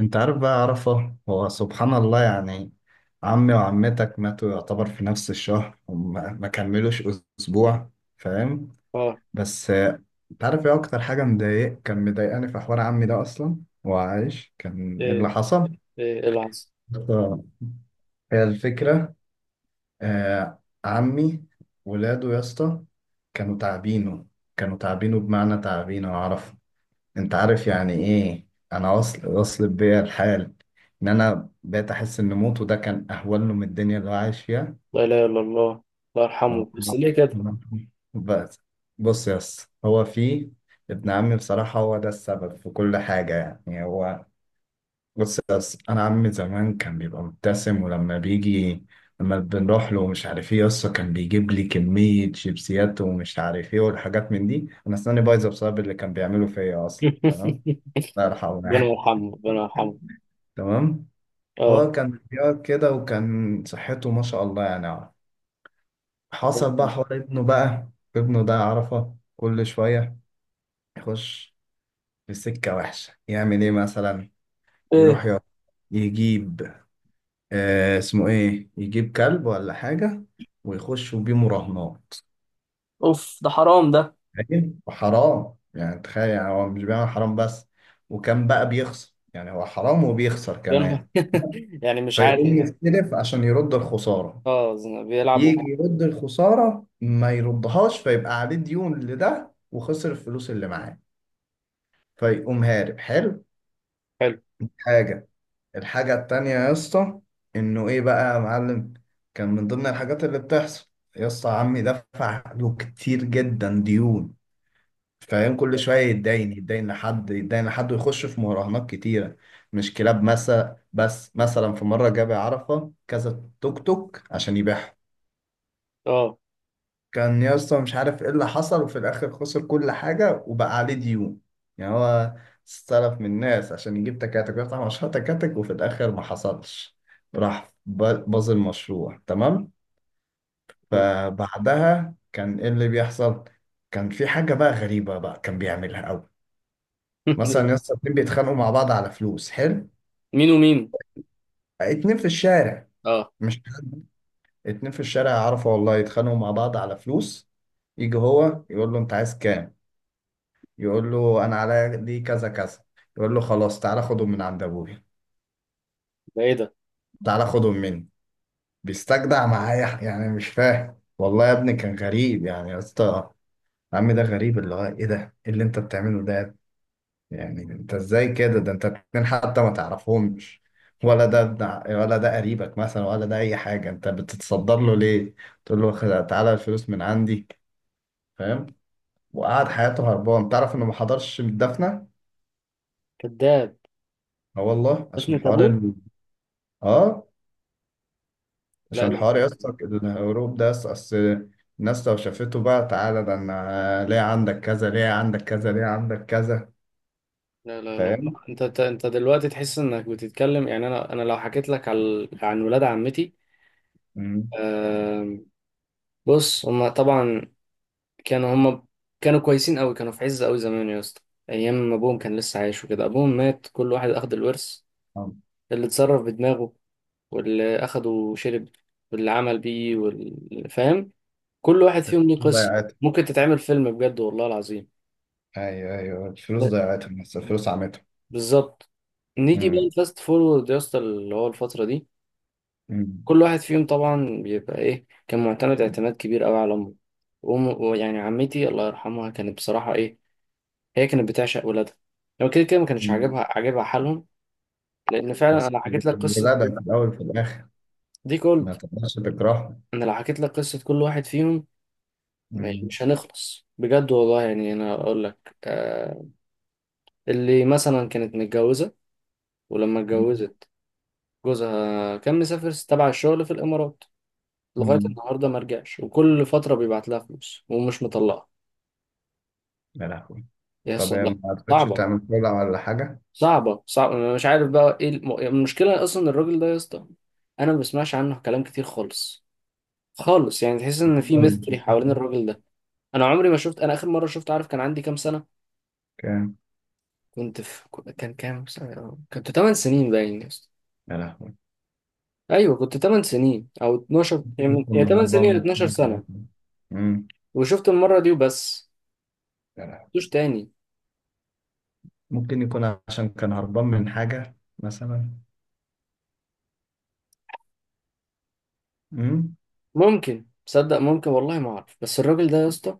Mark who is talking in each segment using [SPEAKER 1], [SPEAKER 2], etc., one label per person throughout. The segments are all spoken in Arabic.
[SPEAKER 1] انت عارف بقى عرفة، هو سبحان الله يعني. عمي وعمتك ماتوا يعتبر في نفس الشهر، وما ما كملوش اسبوع. فاهم؟
[SPEAKER 2] اه.
[SPEAKER 1] بس انت عارف ايه اكتر حاجة مضايق كان مضايقاني في حوار عمي ده اصلا؟ هو عايش، كان ايه اللي
[SPEAKER 2] ايه
[SPEAKER 1] حصل؟
[SPEAKER 2] ايه العظ
[SPEAKER 1] آه، هي الفكرة. آه عمي، ولاده يا اسطى كانوا تعبينه، كانوا تعبينه بمعنى تعبينه عرفة. انت عارف يعني ايه؟ انا وصل بيا الحال ان انا بقيت احس ان موته ده كان اهون له من الدنيا اللي هو عايش فيها.
[SPEAKER 2] لا اله الا الله. الله
[SPEAKER 1] أهو.
[SPEAKER 2] يرحمه، بس ليه كده؟
[SPEAKER 1] بس بص يا اسطى، هو في ابن عمي، بصراحة هو ده السبب في كل حاجة. يعني هو، بص يا اسطى، انا عمي زمان كان بيبقى مبتسم، ولما بيجي لما بنروح له ومش عارف ايه يا اسطى كان بيجيب لي كمية شيبسيات ومش عارف ايه والحاجات من دي. انا اسناني بايظة بسبب اللي كان بيعمله فيا اصلا، تمام؟ الله يرحمه.
[SPEAKER 2] ربنا يرحمه، ربنا يرحمه.
[SPEAKER 1] يعني تمام.
[SPEAKER 2] اه.
[SPEAKER 1] هو كان بيقعد كده وكان صحته ما شاء الله يعني. حصل بقى حوار ابنه بقى. ابنه ده عرفه كل شوية يخش في سكة وحشة. يعمل ايه مثلا؟
[SPEAKER 2] ايه.
[SPEAKER 1] يروح يقعد، يجيب، آه اسمه ايه، يجيب كلب ولا حاجة ويخشوا بيه مراهنات.
[SPEAKER 2] اوف، ده حرام ده.
[SPEAKER 1] فاهم؟ وحرام يعني، تخيل، يعني هو مش بيعمل حرام بس، وكان بقى بيخسر. يعني هو حرام وبيخسر
[SPEAKER 2] ربنا-
[SPEAKER 1] كمان.
[SPEAKER 2] يعني مش عارف
[SPEAKER 1] فيقوم
[SPEAKER 2] إنه-
[SPEAKER 1] يستلف عشان يرد الخسارة،
[SPEAKER 2] اه، بيلعب وهو.
[SPEAKER 1] يجي يرد الخسارة ما يردهاش، فيبقى عليه ديون لده وخسر الفلوس اللي معاه، فيقوم هارب. حلو.
[SPEAKER 2] حلو.
[SPEAKER 1] حاجة، الحاجة التانية يا اسطى، انه ايه بقى يا معلم، كان من ضمن الحاجات اللي بتحصل يا اسطى، عمي دفع له كتير جدا ديون. فاهم؟ كل شوية يتداين، يتداين لحد، يتداين لحد، ويخش في مراهنات كتيرة. مش كلاب مثلا بس، مثلا في مرة جاب عرفة كذا توك توك عشان يبيعهم.
[SPEAKER 2] اه.
[SPEAKER 1] كان يا اسطى مش عارف ايه اللي حصل، وفي الاخر خسر كل حاجه وبقى عليه ديون. يعني هو استلف من الناس عشان يجيب تكاتك ويفتح مشروع تكاتك، وفي الاخر ما حصلش. راح ب- باظ المشروع، تمام. فبعدها كان ايه اللي بيحصل؟ كان في حاجه بقى غريبه بقى كان بيعملها قوي. مثلا يا اسطى اتنين بيتخانقوا مع بعض على فلوس، حلو؟
[SPEAKER 2] مين ومين؟
[SPEAKER 1] اتنين في الشارع،
[SPEAKER 2] اه.
[SPEAKER 1] مش حد، اتنين في الشارع يعرفوا والله، يتخانقوا مع بعض على فلوس، يجي هو يقول له انت عايز كام؟ يقول له انا عليا دي كذا كذا. يقول له خلاص تعالى خدهم من عند ابويا،
[SPEAKER 2] ده ايه ده؟
[SPEAKER 1] تعالى خدهم مني. بيستجدع معايا يعني مش فاهم والله يا ابني، كان غريب يعني يا اسطى. عمي ده غريب، اللي هو ايه ده؟ ايه اللي انت بتعمله ده؟ يعني انت ازاي كده؟ ده انت اتنين حتى ما تعرفهمش، ولا ده ابن ولا ده قريبك مثلا ولا ده اي حاجه، انت بتتصدر له ليه؟ تقول له تعالى الفلوس من عندي. فاهم؟ وقعد حياته هربان. تعرف انه ما حضرش الدفنه؟
[SPEAKER 2] كذاب.
[SPEAKER 1] اه والله،
[SPEAKER 2] دفنة
[SPEAKER 1] عشان حوار
[SPEAKER 2] ابوه.
[SPEAKER 1] ال... اه
[SPEAKER 2] لا
[SPEAKER 1] عشان
[SPEAKER 2] لا.
[SPEAKER 1] حوار يا اسطى، الهروب ده اصل الناس لو شافته بقى تعالى، ده انا ليه عندك كذا، ليه عندك كذا، ليه عندك كذا.
[SPEAKER 2] لا لا لا لا.
[SPEAKER 1] فاهم؟
[SPEAKER 2] انت دلوقتي تحس انك بتتكلم، يعني انا لو حكيت لك على عن ولاد عمتي.
[SPEAKER 1] مم.
[SPEAKER 2] آم، بص، هما طبعا كانوا هم كانوا كويسين قوي، كانوا في عز قوي زمان يا اسطى. ايام ما ابوهم كان لسه عايش وكده. ابوهم مات، كل واحد اخد الورث.
[SPEAKER 1] آه.
[SPEAKER 2] اللي اتصرف بدماغه، واللي اخده شرب، واللي عمل بيه، واللي فاهم. كل واحد فيهم ليه
[SPEAKER 1] الفلوس
[SPEAKER 2] قصة.
[SPEAKER 1] ضيعتهم.
[SPEAKER 2] ممكن تتعمل فيلم، بجد والله العظيم.
[SPEAKER 1] ايوه ايوه، الفلوس
[SPEAKER 2] ب-
[SPEAKER 1] ضيعتهم بس الفلوس عمتهم.
[SPEAKER 2] بالظبط. نيجي بقى
[SPEAKER 1] مم.
[SPEAKER 2] الفاست فورورد يا اسطى، اللي هو الفترة دي.
[SPEAKER 1] مم.
[SPEAKER 2] كل واحد فيهم طبعا بيبقى ايه، كان معتمد اعتماد كبير قوي على امه. ويعني عمتي الله يرحمها، كانت بصراحة ايه، هي كانت بتعشق ولادها. لو كده كده ما كانش
[SPEAKER 1] مم.
[SPEAKER 2] عاجبها حالهم. لان فعلا
[SPEAKER 1] بس
[SPEAKER 2] انا حكيت لك قصه
[SPEAKER 1] الولادة في الاول وفي الاخر
[SPEAKER 2] دي كولد.
[SPEAKER 1] ما تقدرش تكرههم.
[SPEAKER 2] انا لو حكيت لك قصه كل واحد فيهم،
[SPEAKER 1] مم.
[SPEAKER 2] مش هنخلص، بجد والله. يعني انا اقول لك، آه، اللي مثلا كانت متجوزه، ولما
[SPEAKER 1] مم.
[SPEAKER 2] اتجوزت، جوزها كان مسافر تبع الشغل في الامارات، لغايه
[SPEAKER 1] مم.
[SPEAKER 2] النهارده ما رجعش، وكل فتره بيبعت لها فلوس ومش مطلقها.
[SPEAKER 1] يا لهوي.
[SPEAKER 2] يا
[SPEAKER 1] طب
[SPEAKER 2] اسطى
[SPEAKER 1] هي
[SPEAKER 2] لا.
[SPEAKER 1] ما عرفتش
[SPEAKER 2] صعبه،
[SPEAKER 1] تعمل كولا ولا حاجة؟
[SPEAKER 2] صعبه صعبه. أنا مش عارف بقى ايه المشكله اصلا. الراجل ده يا اسطى انا ما بسمعش عنه كلام كتير خالص، خالص. يعني تحس ان في
[SPEAKER 1] ولا ما
[SPEAKER 2] ميستري
[SPEAKER 1] شفتش
[SPEAKER 2] حوالين
[SPEAKER 1] أصلاً؟
[SPEAKER 2] الراجل ده. انا عمري ما شفت. انا اخر مره شفت، عارف كان عندي كام سنه؟
[SPEAKER 1] كام؟
[SPEAKER 2] كنت في كان كام سنه؟ كنت 8 سنين باين يا اسطى.
[SPEAKER 1] يا لهوي.
[SPEAKER 2] ايوه، كنت 8 سنين او 12،
[SPEAKER 1] ممكن
[SPEAKER 2] يعني يا
[SPEAKER 1] يكون
[SPEAKER 2] 8 سنين
[SPEAKER 1] هربان
[SPEAKER 2] يا
[SPEAKER 1] من
[SPEAKER 2] 12
[SPEAKER 1] حاجة
[SPEAKER 2] سنه.
[SPEAKER 1] مثلاً. مم.
[SPEAKER 2] وشفت المره دي وبس،
[SPEAKER 1] يا لهوي.
[SPEAKER 2] مش تاني.
[SPEAKER 1] ممكن يكون عشان كان هربان من حاجة مثلا. مم؟
[SPEAKER 2] ممكن تصدق؟ ممكن، والله ما اعرف. بس الراجل ده يا اسطى،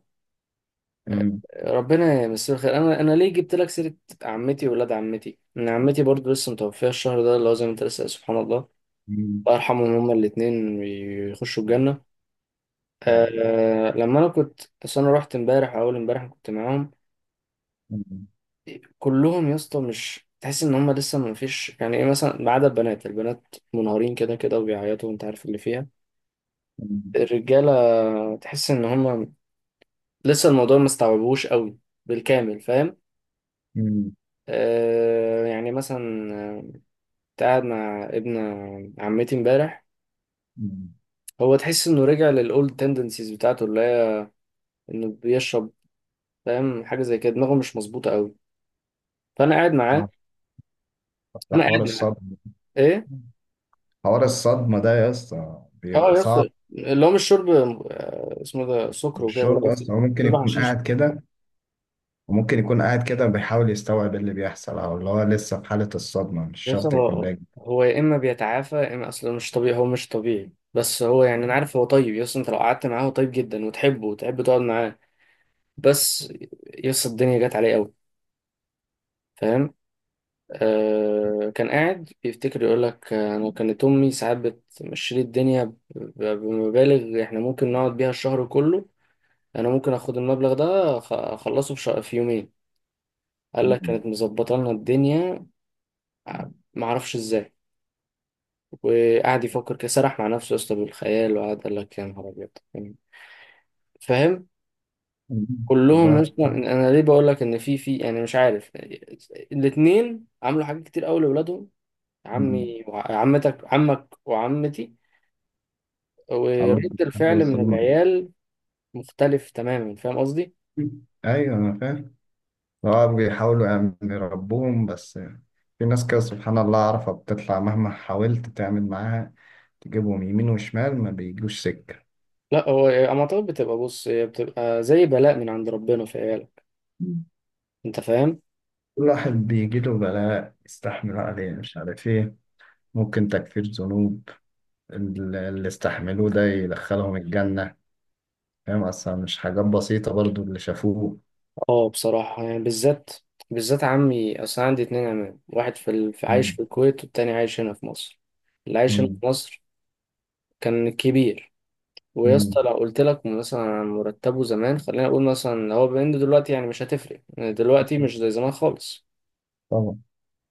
[SPEAKER 1] مم.
[SPEAKER 2] ربنا يمسيه الخير. انا ليه جبت لك سيره عمتي وولاد عمتي؟ ان عمتي برضو لسه متوفيه الشهر ده، اللي هو زي ما انت لسه قايل، سبحان الله.
[SPEAKER 1] مم.
[SPEAKER 2] الله يرحمهم هما الاثنين، يخشوا الجنه.
[SPEAKER 1] آه.
[SPEAKER 2] آه، لما انا كنت، بس انا رحت امبارح اول امبارح، كنت معاهم
[SPEAKER 1] مم.
[SPEAKER 2] كلهم يا اسطى. مش تحس ان هم لسه ما فيش يعني ايه مثلا. ما عدا البنات، البنات منهارين كده كده وبيعيطوا وانت عارف اللي فيها.
[SPEAKER 1] مم.
[SPEAKER 2] الرجاله تحس ان هم لسه الموضوع ما استوعبوش قوي بالكامل، فاهم.
[SPEAKER 1] مم.
[SPEAKER 2] آه يعني مثلا آه، كنت قاعد مع ابن عمتي امبارح.
[SPEAKER 1] مم.
[SPEAKER 2] هو تحس انه رجع للاولد تندنسيز بتاعته، اللي هي انه بيشرب، فاهم. حاجه زي كده دماغه مش مظبوطه قوي. فانا قاعد معاه
[SPEAKER 1] آه. ده
[SPEAKER 2] انا
[SPEAKER 1] حوار
[SPEAKER 2] قاعد معاه،
[SPEAKER 1] الصدمة.
[SPEAKER 2] ايه.
[SPEAKER 1] حوار الصدمة ده يا اسطى بيبقى
[SPEAKER 2] اه يس.
[SPEAKER 1] صعب.
[SPEAKER 2] اللي هو مش شرب آه، اسمه ده، سكر وكده، اللي هو
[SPEAKER 1] الشرب
[SPEAKER 2] قصدي
[SPEAKER 1] اصلا هو ممكن
[SPEAKER 2] شرب
[SPEAKER 1] يكون
[SPEAKER 2] حشيش.
[SPEAKER 1] قاعد كده، وممكن يكون قاعد كده بيحاول يستوعب اللي بيحصل، او اللي هو لسه في حالة الصدمة مش
[SPEAKER 2] يس،
[SPEAKER 1] شرط يكون
[SPEAKER 2] هو،
[SPEAKER 1] ناجي.
[SPEAKER 2] هو يا اما بيتعافى يا اما اصلا مش طبيعي. هو مش طبيعي، بس هو، يعني انا عارف هو طيب. يس، انت لو قعدت معاه هو طيب جدا، وتحبه وتحب تقعد معاه. بس يس، الدنيا جت عليه قوي، فاهم. آه، كان قاعد بيفتكر، يقول لك، آه، انا كانت امي ساعات بتمشي لي الدنيا بمبالغ احنا ممكن نقعد بيها الشهر كله. انا ممكن اخد المبلغ ده، اخلصه في في يومين. قال لك
[SPEAKER 1] مم.
[SPEAKER 2] كانت مظبطه لنا الدنيا، ما اعرفش ازاي. وقعد يفكر كده، سرح مع نفسه يا اسطى بالخيال، وقعد قال لك يا نهار ابيض، يعني، فاهم.
[SPEAKER 1] مم.
[SPEAKER 2] كلهم
[SPEAKER 1] الله.
[SPEAKER 2] اصلا، انا ليه بقول لك ان في يعني مش عارف. الاثنين عملوا حاجات كتير قوي لاولادهم.
[SPEAKER 1] مم.
[SPEAKER 2] عمي وعمتك، عمك وعمتي. ورد
[SPEAKER 1] عملت-
[SPEAKER 2] الفعل من
[SPEAKER 1] وصلنا.
[SPEAKER 2] العيال مختلف تماما، فاهم قصدي.
[SPEAKER 1] ايوه انا فاهم. اه بيحاولوا يعني يربوهم بس في ناس كده سبحان الله، عارفة بتطلع مهما حاولت تعمل معاها، تجيبهم يمين وشمال ما بيجوش سكة.
[SPEAKER 2] لا، هو اما طب بتبقى، بص، هي بتبقى زي بلاء من عند ربنا في عيالك،
[SPEAKER 1] مم.
[SPEAKER 2] انت فاهم.
[SPEAKER 1] كل واحد بيجيله بلاء يستحملوا عليه، مش عارف ايه. ممكن تكفير ذنوب اللي استحملوه ده يدخلهم الجنة. فاهم؟ أصلا مش حاجات بسيطة برضو اللي شافوه.
[SPEAKER 2] اه بصراحة يعني، بالذات، بالذات عمي. أصل أنا عندي اتنين عمام، في عايش
[SPEAKER 1] مم.
[SPEAKER 2] في الكويت، والتاني عايش هنا في مصر. اللي عايش هنا
[SPEAKER 1] مم.
[SPEAKER 2] في مصر كان كبير. ويا
[SPEAKER 1] مم.
[SPEAKER 2] اسطى لو قلت لك مثلا عن مرتبه زمان، خلينا نقول مثلا لو هو بيند دلوقتي، يعني مش هتفرق يعني، دلوقتي مش زي زمان خالص.
[SPEAKER 1] طبعا.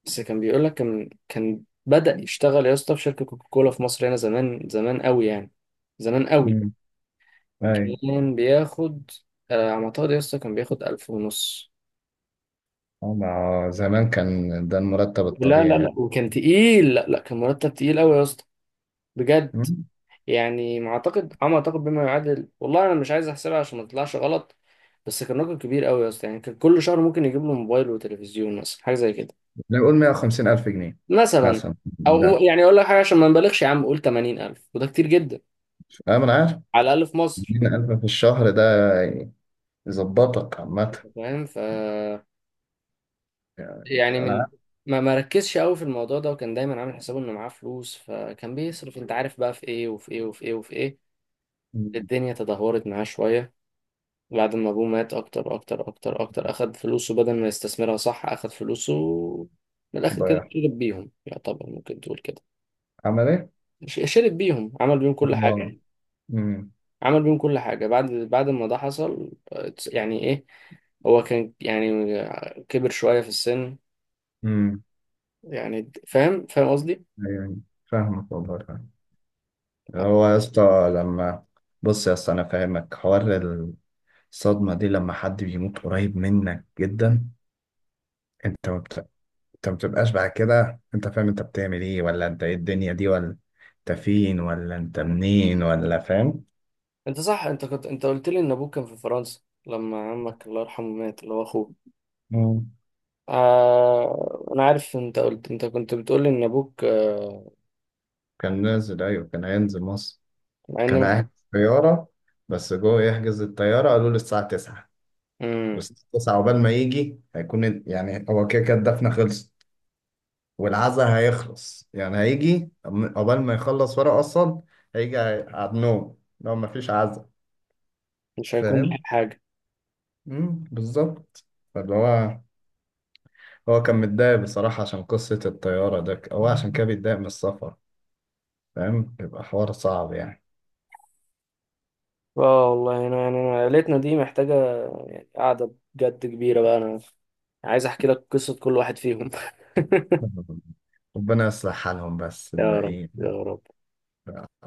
[SPEAKER 2] بس كان بيقول لك، كان بدأ يشتغل يا اسطى في شركة كوكاكولا في مصر هنا زمان، زمان قوي يعني، زمان قوي.
[SPEAKER 1] مم. أي.
[SPEAKER 2] كان بياخد آه، على ما أعتقد يا اسطى، كان بياخد ألف ونص.
[SPEAKER 1] طبعا آه، زمان كان ده المرتب
[SPEAKER 2] لا لا
[SPEAKER 1] الطبيعي.
[SPEAKER 2] لا، وكان تقيل، لا لا كان مرتب تقيل قوي يا اسطى، بجد. يعني ما اعتقد، عم، اعتقد بما يعادل، والله انا مش عايز احسبها عشان ما تطلعش غلط، بس كان رقم كبير قوي يا اسطى. يعني كان كل شهر ممكن يجيب له موبايل وتلفزيون، مثلا حاجه زي كده،
[SPEAKER 1] نقول 150 ألف جنيه
[SPEAKER 2] مثلا.
[SPEAKER 1] مثلا
[SPEAKER 2] او
[SPEAKER 1] ده،
[SPEAKER 2] يعني اقول لك حاجه، عشان ما نبالغش يا عم، قول 80000 وده كتير جدا،
[SPEAKER 1] أنا من عارف،
[SPEAKER 2] على الاقل في مصر.
[SPEAKER 1] 200 ألف في الشهر ده يظبطك عامة.
[SPEAKER 2] فاهم. ف،
[SPEAKER 1] يعني
[SPEAKER 2] يعني
[SPEAKER 1] أنا
[SPEAKER 2] من،
[SPEAKER 1] عارف.
[SPEAKER 2] ما مركزش قوي في الموضوع ده، وكان دايما عامل حسابه انه معاه فلوس، فكان بيصرف، انت عارف بقى، في ايه وفي ايه وفي ايه وفي ايه. الدنيا تدهورت معاه شويه بعد ما ابوه مات، اكتر اكتر اكتر اكتر. اخد فلوسه بدل ما يستثمرها صح، اخد فلوسه من الاخر كده
[SPEAKER 1] ضيع.
[SPEAKER 2] شرب بيهم، يعتبر ممكن تقول كده.
[SPEAKER 1] عمل إيه؟
[SPEAKER 2] شرب بيهم، عمل بيهم
[SPEAKER 1] آه.
[SPEAKER 2] كل حاجة،
[SPEAKER 1] أمم.
[SPEAKER 2] عمل بيهم كل حاجة. بعد ما ده حصل، يعني ايه، هو كان يعني، كبر شوية في السن،
[SPEAKER 1] أمم.
[SPEAKER 2] يعني فاهم، فاهم قصدي.
[SPEAKER 1] أيوه. فاهمك والله فاهم. هو يا اسطى لما، بص يا اسطى أنا فاهمك، حوار الصدمة دي لما حد بيموت قريب منك جدا، أنت ما بت... أنت ما بتبقاش بعد كده. أنت فاهم أنت بتعمل إيه؟ ولا أنت إيه الدنيا دي؟ ولا أنت فين؟ ولا أنت منين؟ ولا، فاهم؟
[SPEAKER 2] انت صح، انت كنت، انت قلت لي ان ابوك كان في فرنسا لما عمك الله يرحمه مات، اللي هو اخوه.
[SPEAKER 1] مم.
[SPEAKER 2] آه... انا عارف، انت قلت، انت كنت بتقول لي ان ابوك آه...
[SPEAKER 1] كان نازل، ايوه كان هينزل مصر.
[SPEAKER 2] مع
[SPEAKER 1] كان
[SPEAKER 2] ان.
[SPEAKER 1] قاعد في الطياره، بس جوه يحجز الطياره قالوا له الساعه 9،
[SPEAKER 2] امم.
[SPEAKER 1] والساعه 9 عقبال ما يجي هيكون، يعني هو كده كده الدفنه خلصت والعزاء هيخلص، يعني هيجي عقبال ما يخلص ورق اصلا، هيجي على النوم لو ما فيش عزاء.
[SPEAKER 2] مش هيكون لها
[SPEAKER 1] فاهم؟
[SPEAKER 2] حاجة.
[SPEAKER 1] مم، بالظبط. فاللي هو، هو كان متضايق بصراحه عشان قصه الطياره ده، هو عشان كده بيتضايق من السفر. فاهم؟ بيبقى حوار صعب يعني.
[SPEAKER 2] اه والله انا يعني، انا عيلتنا دي محتاجة يعني قعدة بجد كبيرة بقى، انا عايز احكي لك قصة كل واحد فيهم.
[SPEAKER 1] ربنا يصلح حالهم بس
[SPEAKER 2] يا رب
[SPEAKER 1] الباقيين.
[SPEAKER 2] يا رب.
[SPEAKER 1] ف-